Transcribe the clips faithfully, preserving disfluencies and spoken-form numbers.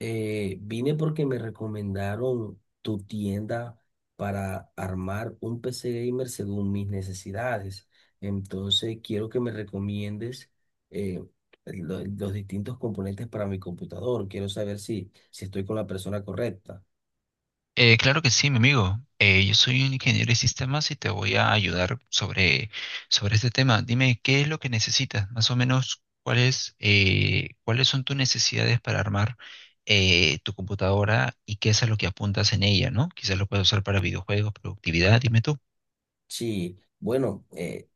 Eh, vine porque me recomendaron tu tienda para armar un P C gamer según mis necesidades. Entonces, quiero que me recomiendes eh, lo- los distintos componentes para mi computador. Quiero saber si, si estoy con la persona correcta. Eh, claro que sí, mi amigo. Eh, yo soy un ingeniero de sistemas y te voy a ayudar sobre, sobre este tema. Dime, ¿qué es lo que necesitas? Más o menos, ¿cuáles, eh, cuáles son tus necesidades para armar eh, tu computadora y qué es a lo que apuntas en ella, ¿no? Quizás lo puedes usar para videojuegos, productividad, dime tú. Sí, bueno, eh,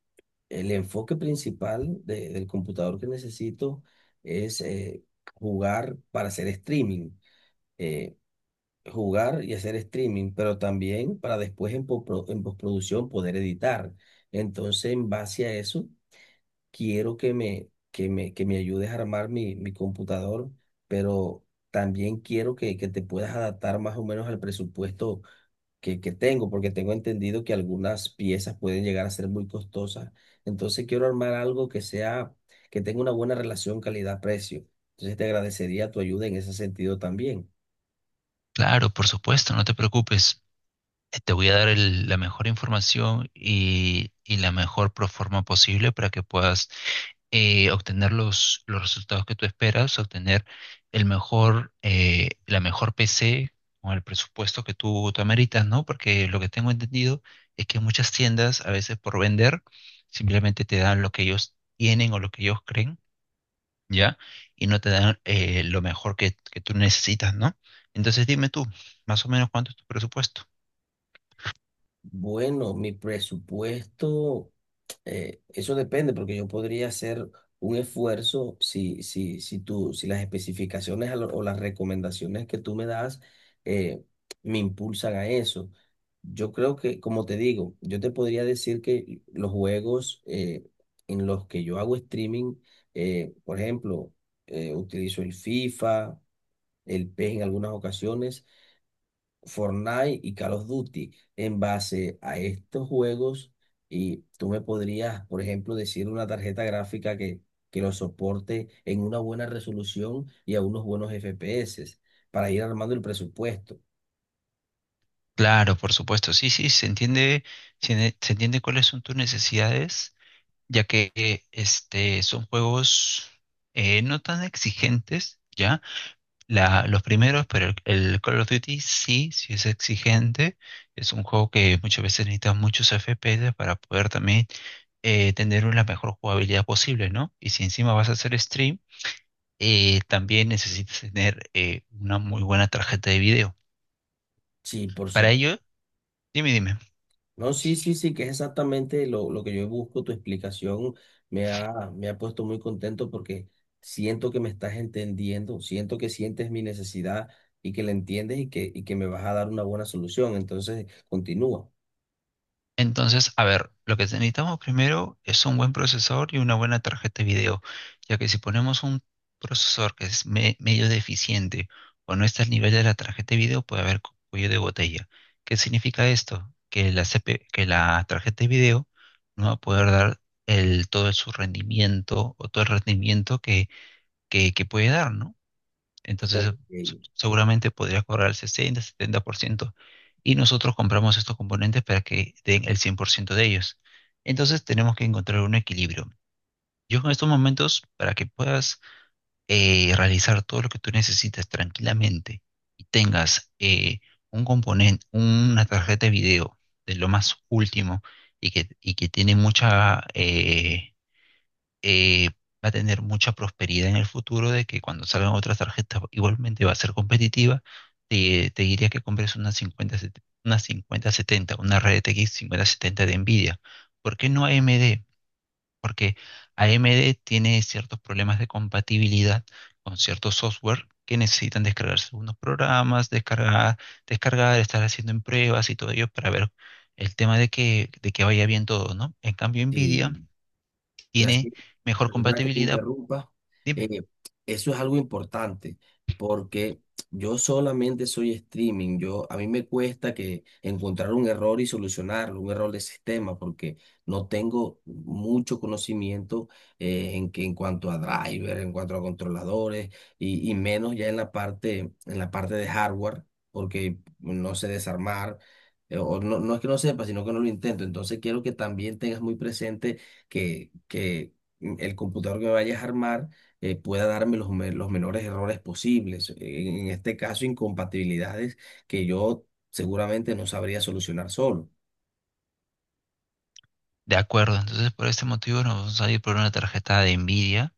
el enfoque principal de- del computador que necesito es eh, jugar para hacer streaming. Eh, Jugar y hacer streaming, pero también para después en, postpro- en postproducción poder editar. Entonces, en base a eso, quiero que me, que me, que me ayudes a armar mi, mi computador, pero también quiero que, que te puedas adaptar más o menos al presupuesto que, que tengo, porque tengo entendido que algunas piezas pueden llegar a ser muy costosas. Entonces, quiero armar algo que sea, que tenga una buena relación calidad-precio. Entonces, te agradecería tu ayuda en ese sentido también. Claro, por supuesto, no te preocupes. Eh, Te voy a dar el- la mejor información y, y la mejor pro- forma posible para que puedas eh, obtener los, los resultados que tú esperas, obtener el mejor, eh, la mejor P C con el presupuesto que tú, tú ameritas, ¿no? Porque lo que tengo entendido es que muchas tiendas, a veces por vender, simplemente te dan lo que ellos tienen o lo que ellos creen, ¿ya? Y no te dan eh, lo mejor que, que tú necesitas, ¿no? Entonces dime tú, más o menos cuánto es tu presupuesto. Bueno, mi presupuesto, eh, eso depende, porque yo podría hacer un esfuerzo si, si, si tú, si las especificaciones a lo- o las recomendaciones que tú me das eh, me impulsan a eso. Yo creo que, como te digo, yo te podría decir que los juegos eh, en los que yo hago streaming, eh, por ejemplo, eh, utilizo el FIFA, el PES en algunas ocasiones. Fortnite y Call of Duty. En base a estos juegos, y tú me podrías, por ejemplo, decir una tarjeta gráfica que, que lo soporte en una buena resolución y a unos buenos F P S para ir armando el presupuesto. Claro, por supuesto, sí, sí, se entiende, se, se entiende cuáles son tus necesidades ya que eh, este, son juegos eh, no tan exigentes, ¿ya? La, los primeros, pero el, el Call of Duty sí, sí es exigente. Es un juego que muchas veces necesita muchos F P S para poder también eh, tener la mejor jugabilidad posible, ¿no? Y si encima vas a hacer stream, eh, también necesitas tener eh, una muy buena tarjeta de video. Sí, por Para su... ello, dime, dime. No, sí, sí, sí, que es exactamente lo, lo que yo busco. Tu explicación me ha, me ha puesto muy contento porque siento que me estás entendiendo, siento que sientes mi necesidad y que la entiendes y que, y que me vas a dar una buena solución. Entonces, continúa. Entonces, a ver, lo que necesitamos primero es un buen procesador y una buena tarjeta de video, ya que si ponemos un procesador que es me- medio deficiente o no está al nivel de la tarjeta de video, puede haber cu- cuello de botella. ¿Qué significa esto? Que la C P, que la tarjeta de video no va a poder dar el, todo su rendimiento o todo el rendimiento que, que, que puede dar, ¿no? Entonces, Ok, eh, se- seguramente podría cobrar el sesenta, setenta por ciento. Y nosotros compramos estos componentes para que den el cien por ciento de ellos. Entonces, tenemos que encontrar un equilibrio. Yo en estos momentos, para que puedas eh, realizar todo lo que tú necesitas tranquilamente y tengas eh, un componente, una tarjeta de video de lo más último y que, y que tiene mucha, eh, eh, va a tener mucha prosperidad en el futuro de que cuando salgan otras tarjetas igualmente va a ser competitiva. Te, te diría que compres una cincuenta, set- una cincuenta setenta, una R T X cincuenta setenta de Nvidia. ¿Por qué no A M D? Porque a AMD tiene ciertos problemas de compatibilidad con ciertos software que necesitan descargarse unos programas, descargar, descargar, estar haciendo en pruebas y todo ello para ver el tema de que, de que vaya bien todo, ¿no? En cambio, Nvidia sí. tiene Gracias, mejor perdona que te compatibilidad. interrumpa. Dime. Eh, Eso es algo importante porque yo solamente soy streaming. Yo, a mí me cuesta que encontrar un error y solucionarlo, un error de sistema, porque no tengo mucho conocimiento eh, en que en cuanto a driver, en cuanto a controladores y, y menos ya en la parte, en la parte de hardware, porque no sé desarmar. eh, O no, no es que no sepa, sino que no lo intento. Entonces quiero que también tengas muy presente que, que el computador que vayas a armar eh, pueda darme los, me- los menores errores posibles. En, en este caso, incompatibilidades que yo seguramente no sabría solucionar solo. De acuerdo, entonces por este motivo nos vamos a ir por una tarjeta de Nvidia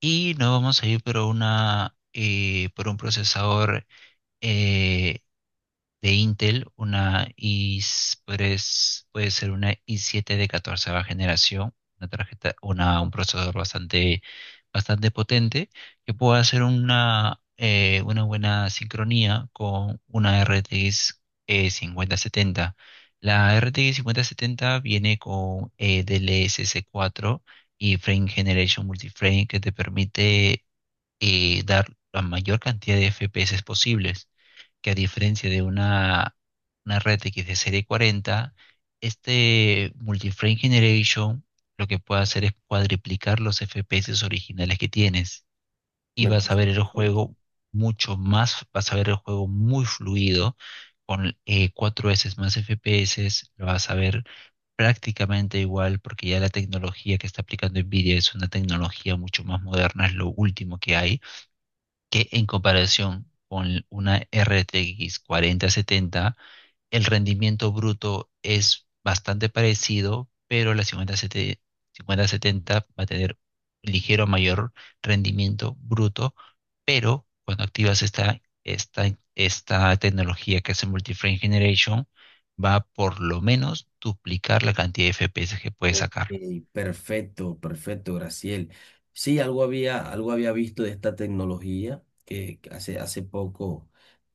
y nos vamos a ir por una eh, por un procesador eh, de Intel, una i, s- puede ser una i siete de catorce generación, una tarjeta, una, un procesador bastante, bastante potente, que pueda hacer una, eh, una buena sincronía con una R T X eh, cincuenta setenta. La R T X cincuenta setenta viene con eh, D L S S cuatro y Frame Generation Multiframe que te permite eh, dar la mayor cantidad de F P S posibles, que a diferencia de una, una red R T X de serie cuarenta, este Multiframe Generation lo que puede hacer es cuadriplicar los F P S originales que tienes y Me vas a parece ver el perfecto. juego mucho más, vas a ver el juego muy fluido con eh, cuatro veces más F P S, lo vas a ver prácticamente igual porque ya la tecnología que está aplicando Nvidia es una tecnología mucho más moderna, es lo último que hay, que en comparación con una R T X cuarenta setenta, el rendimiento bruto es bastante parecido, pero la cincuenta setenta, cincuenta setenta va a tener un ligero mayor rendimiento bruto, pero cuando activas esta, esta, esta tecnología que hace multi frame Generation, va a por lo menos duplicar la cantidad de F P S que puedes Ok, sacar. perfecto, perfecto, Graciel. Sí, algo había, algo había visto de esta tecnología que que hace, hace poco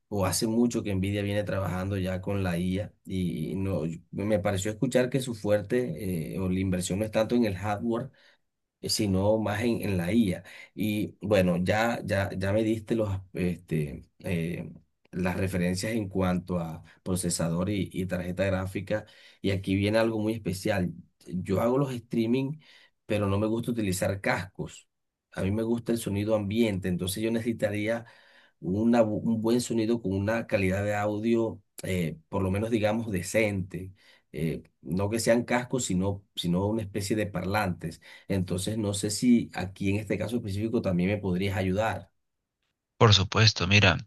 o hace mucho que Nvidia viene trabajando ya con la I A y no, yo- me pareció escuchar que su fuerte eh, o la inversión no es tanto en el hardware, eh, sino más en, en la I A. Y bueno, ya, ya, ya me diste los, este, eh, las referencias en cuanto a procesador y, y tarjeta gráfica. Y aquí viene algo muy especial. Yo hago los streaming, pero no me gusta utilizar cascos. A mí me gusta el sonido ambiente, entonces yo necesitaría una bu- un buen sonido con una calidad de audio, eh, por lo menos digamos decente, eh, no que sean cascos, sino, sino una especie de parlantes. Entonces, no sé si aquí en este caso específico también me podrías ayudar. Por supuesto, mira.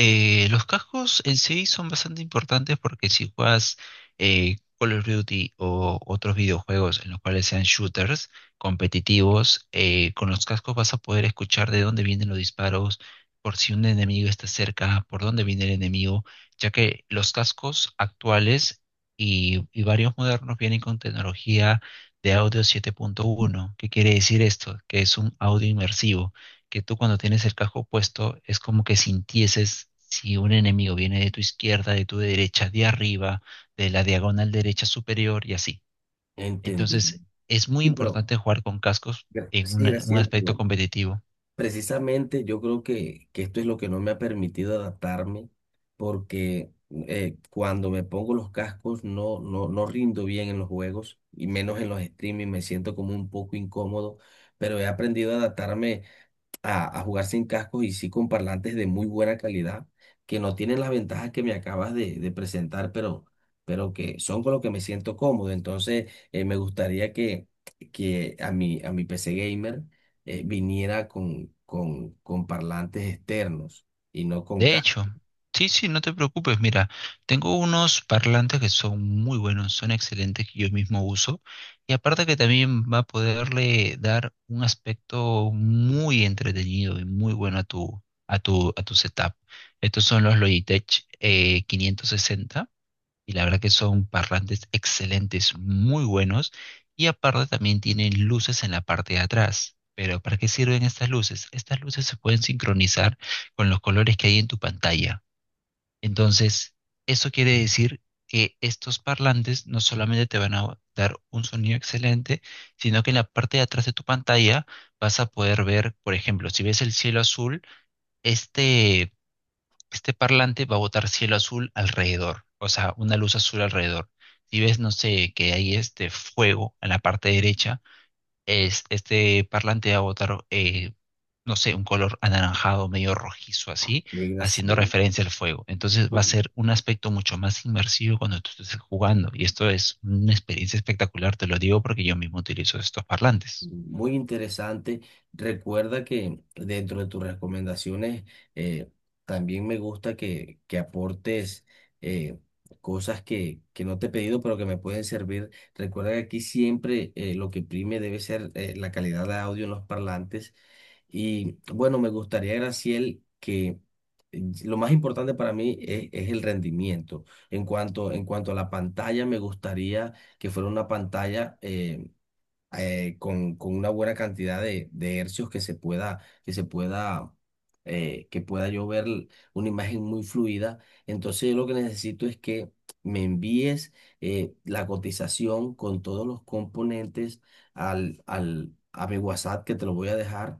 Eh, los cascos en sí son bastante importantes porque si juegas eh, Call of Duty o otros videojuegos en los cuales sean shooters competitivos, eh, con los cascos vas a poder escuchar de dónde vienen los disparos, por si un enemigo está cerca, por dónde viene el enemigo, ya que los cascos actuales y, y varios modernos vienen con tecnología de audio siete punto uno. ¿Qué quiere decir esto? Que es un audio inmersivo que tú cuando tienes el casco puesto es como que sintieses si un enemigo viene de tu izquierda, de tu derecha, de arriba, de la diagonal derecha superior y así. Entendí. Entonces, es muy Sí, pero importante jugar con cascos gra- en sí, un, un Graciela. aspecto competitivo. Precisamente yo creo que, que esto es lo que no me ha permitido adaptarme porque eh, cuando me pongo los cascos no, no, no rindo bien en los juegos y menos en los streaming, me siento como un poco incómodo, pero he aprendido a adaptarme a, a jugar sin cascos y sí con parlantes de muy buena calidad, que no tienen las ventajas que me acabas de, de presentar, pero, pero que son con lo que me siento cómodo. Entonces, eh, me gustaría que, que a mi, a mi P C gamer eh, viniera con, con, con parlantes externos y no con De cascos. hecho, sí, sí, no te preocupes. Mira, tengo unos parlantes que son muy buenos, son excelentes que yo mismo uso. Y aparte que también va a poderle dar un aspecto muy entretenido y muy bueno a tu, a tu, a tu setup. Estos son los Logitech eh, quinientos sesenta y la verdad que son parlantes excelentes, muy buenos, y aparte también tienen luces en la parte de atrás. Pero ¿para qué sirven estas luces? Estas luces se pueden sincronizar con los colores que hay en tu pantalla. Entonces, eso quiere decir que estos parlantes no solamente te van a dar un sonido excelente, sino que en la parte de atrás de tu pantalla vas a poder ver, por ejemplo, si ves el cielo azul, este este parlante va a botar cielo azul alrededor, o sea, una luz azul alrededor. Si ves, no sé, que hay este fuego en la parte derecha, es, este parlante va a botar, eh, no sé, un color anaranjado, medio rojizo, así, haciendo referencia al fuego. Entonces va a ser un aspecto mucho más inmersivo cuando tú estés jugando. Y esto es una experiencia espectacular, te lo digo porque yo mismo utilizo estos parlantes. Muy interesante. Recuerda que dentro de tus recomendaciones eh, también me gusta que, que aportes eh, cosas que, que no te he pedido pero que me pueden servir. Recuerda que aquí siempre eh, lo que prime debe ser eh, la calidad de audio en los parlantes. Y bueno, me gustaría, Graciel, que eh, lo más importante para mí es, es el rendimiento. En cuanto, en cuanto a la pantalla, me gustaría que fuera una pantalla. eh, eh, con, con una buena cantidad de, de hercios que se pueda, que se pueda, eh, que pueda yo ver l- una imagen muy fluida. Entonces yo lo que necesito es que me envíes eh, la cotización con todos los componentes al, al, a mi WhatsApp que te lo voy a dejar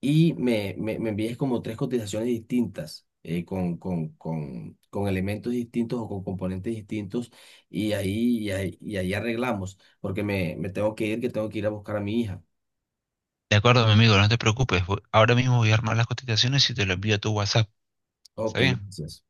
y me, me, me envíes como tres cotizaciones distintas, eh, con, con, con, con elementos distintos o con componentes distintos, y ahí, y ahí, y ahí arreglamos, porque me, me tengo que ir, que tengo que ir a buscar a mi hija. De acuerdo, mi amigo, no te preocupes. voy- Ahora mismo voy a armar las cotizaciones y te lo envío a tu WhatsApp. Ok, ¿Está bien? gracias.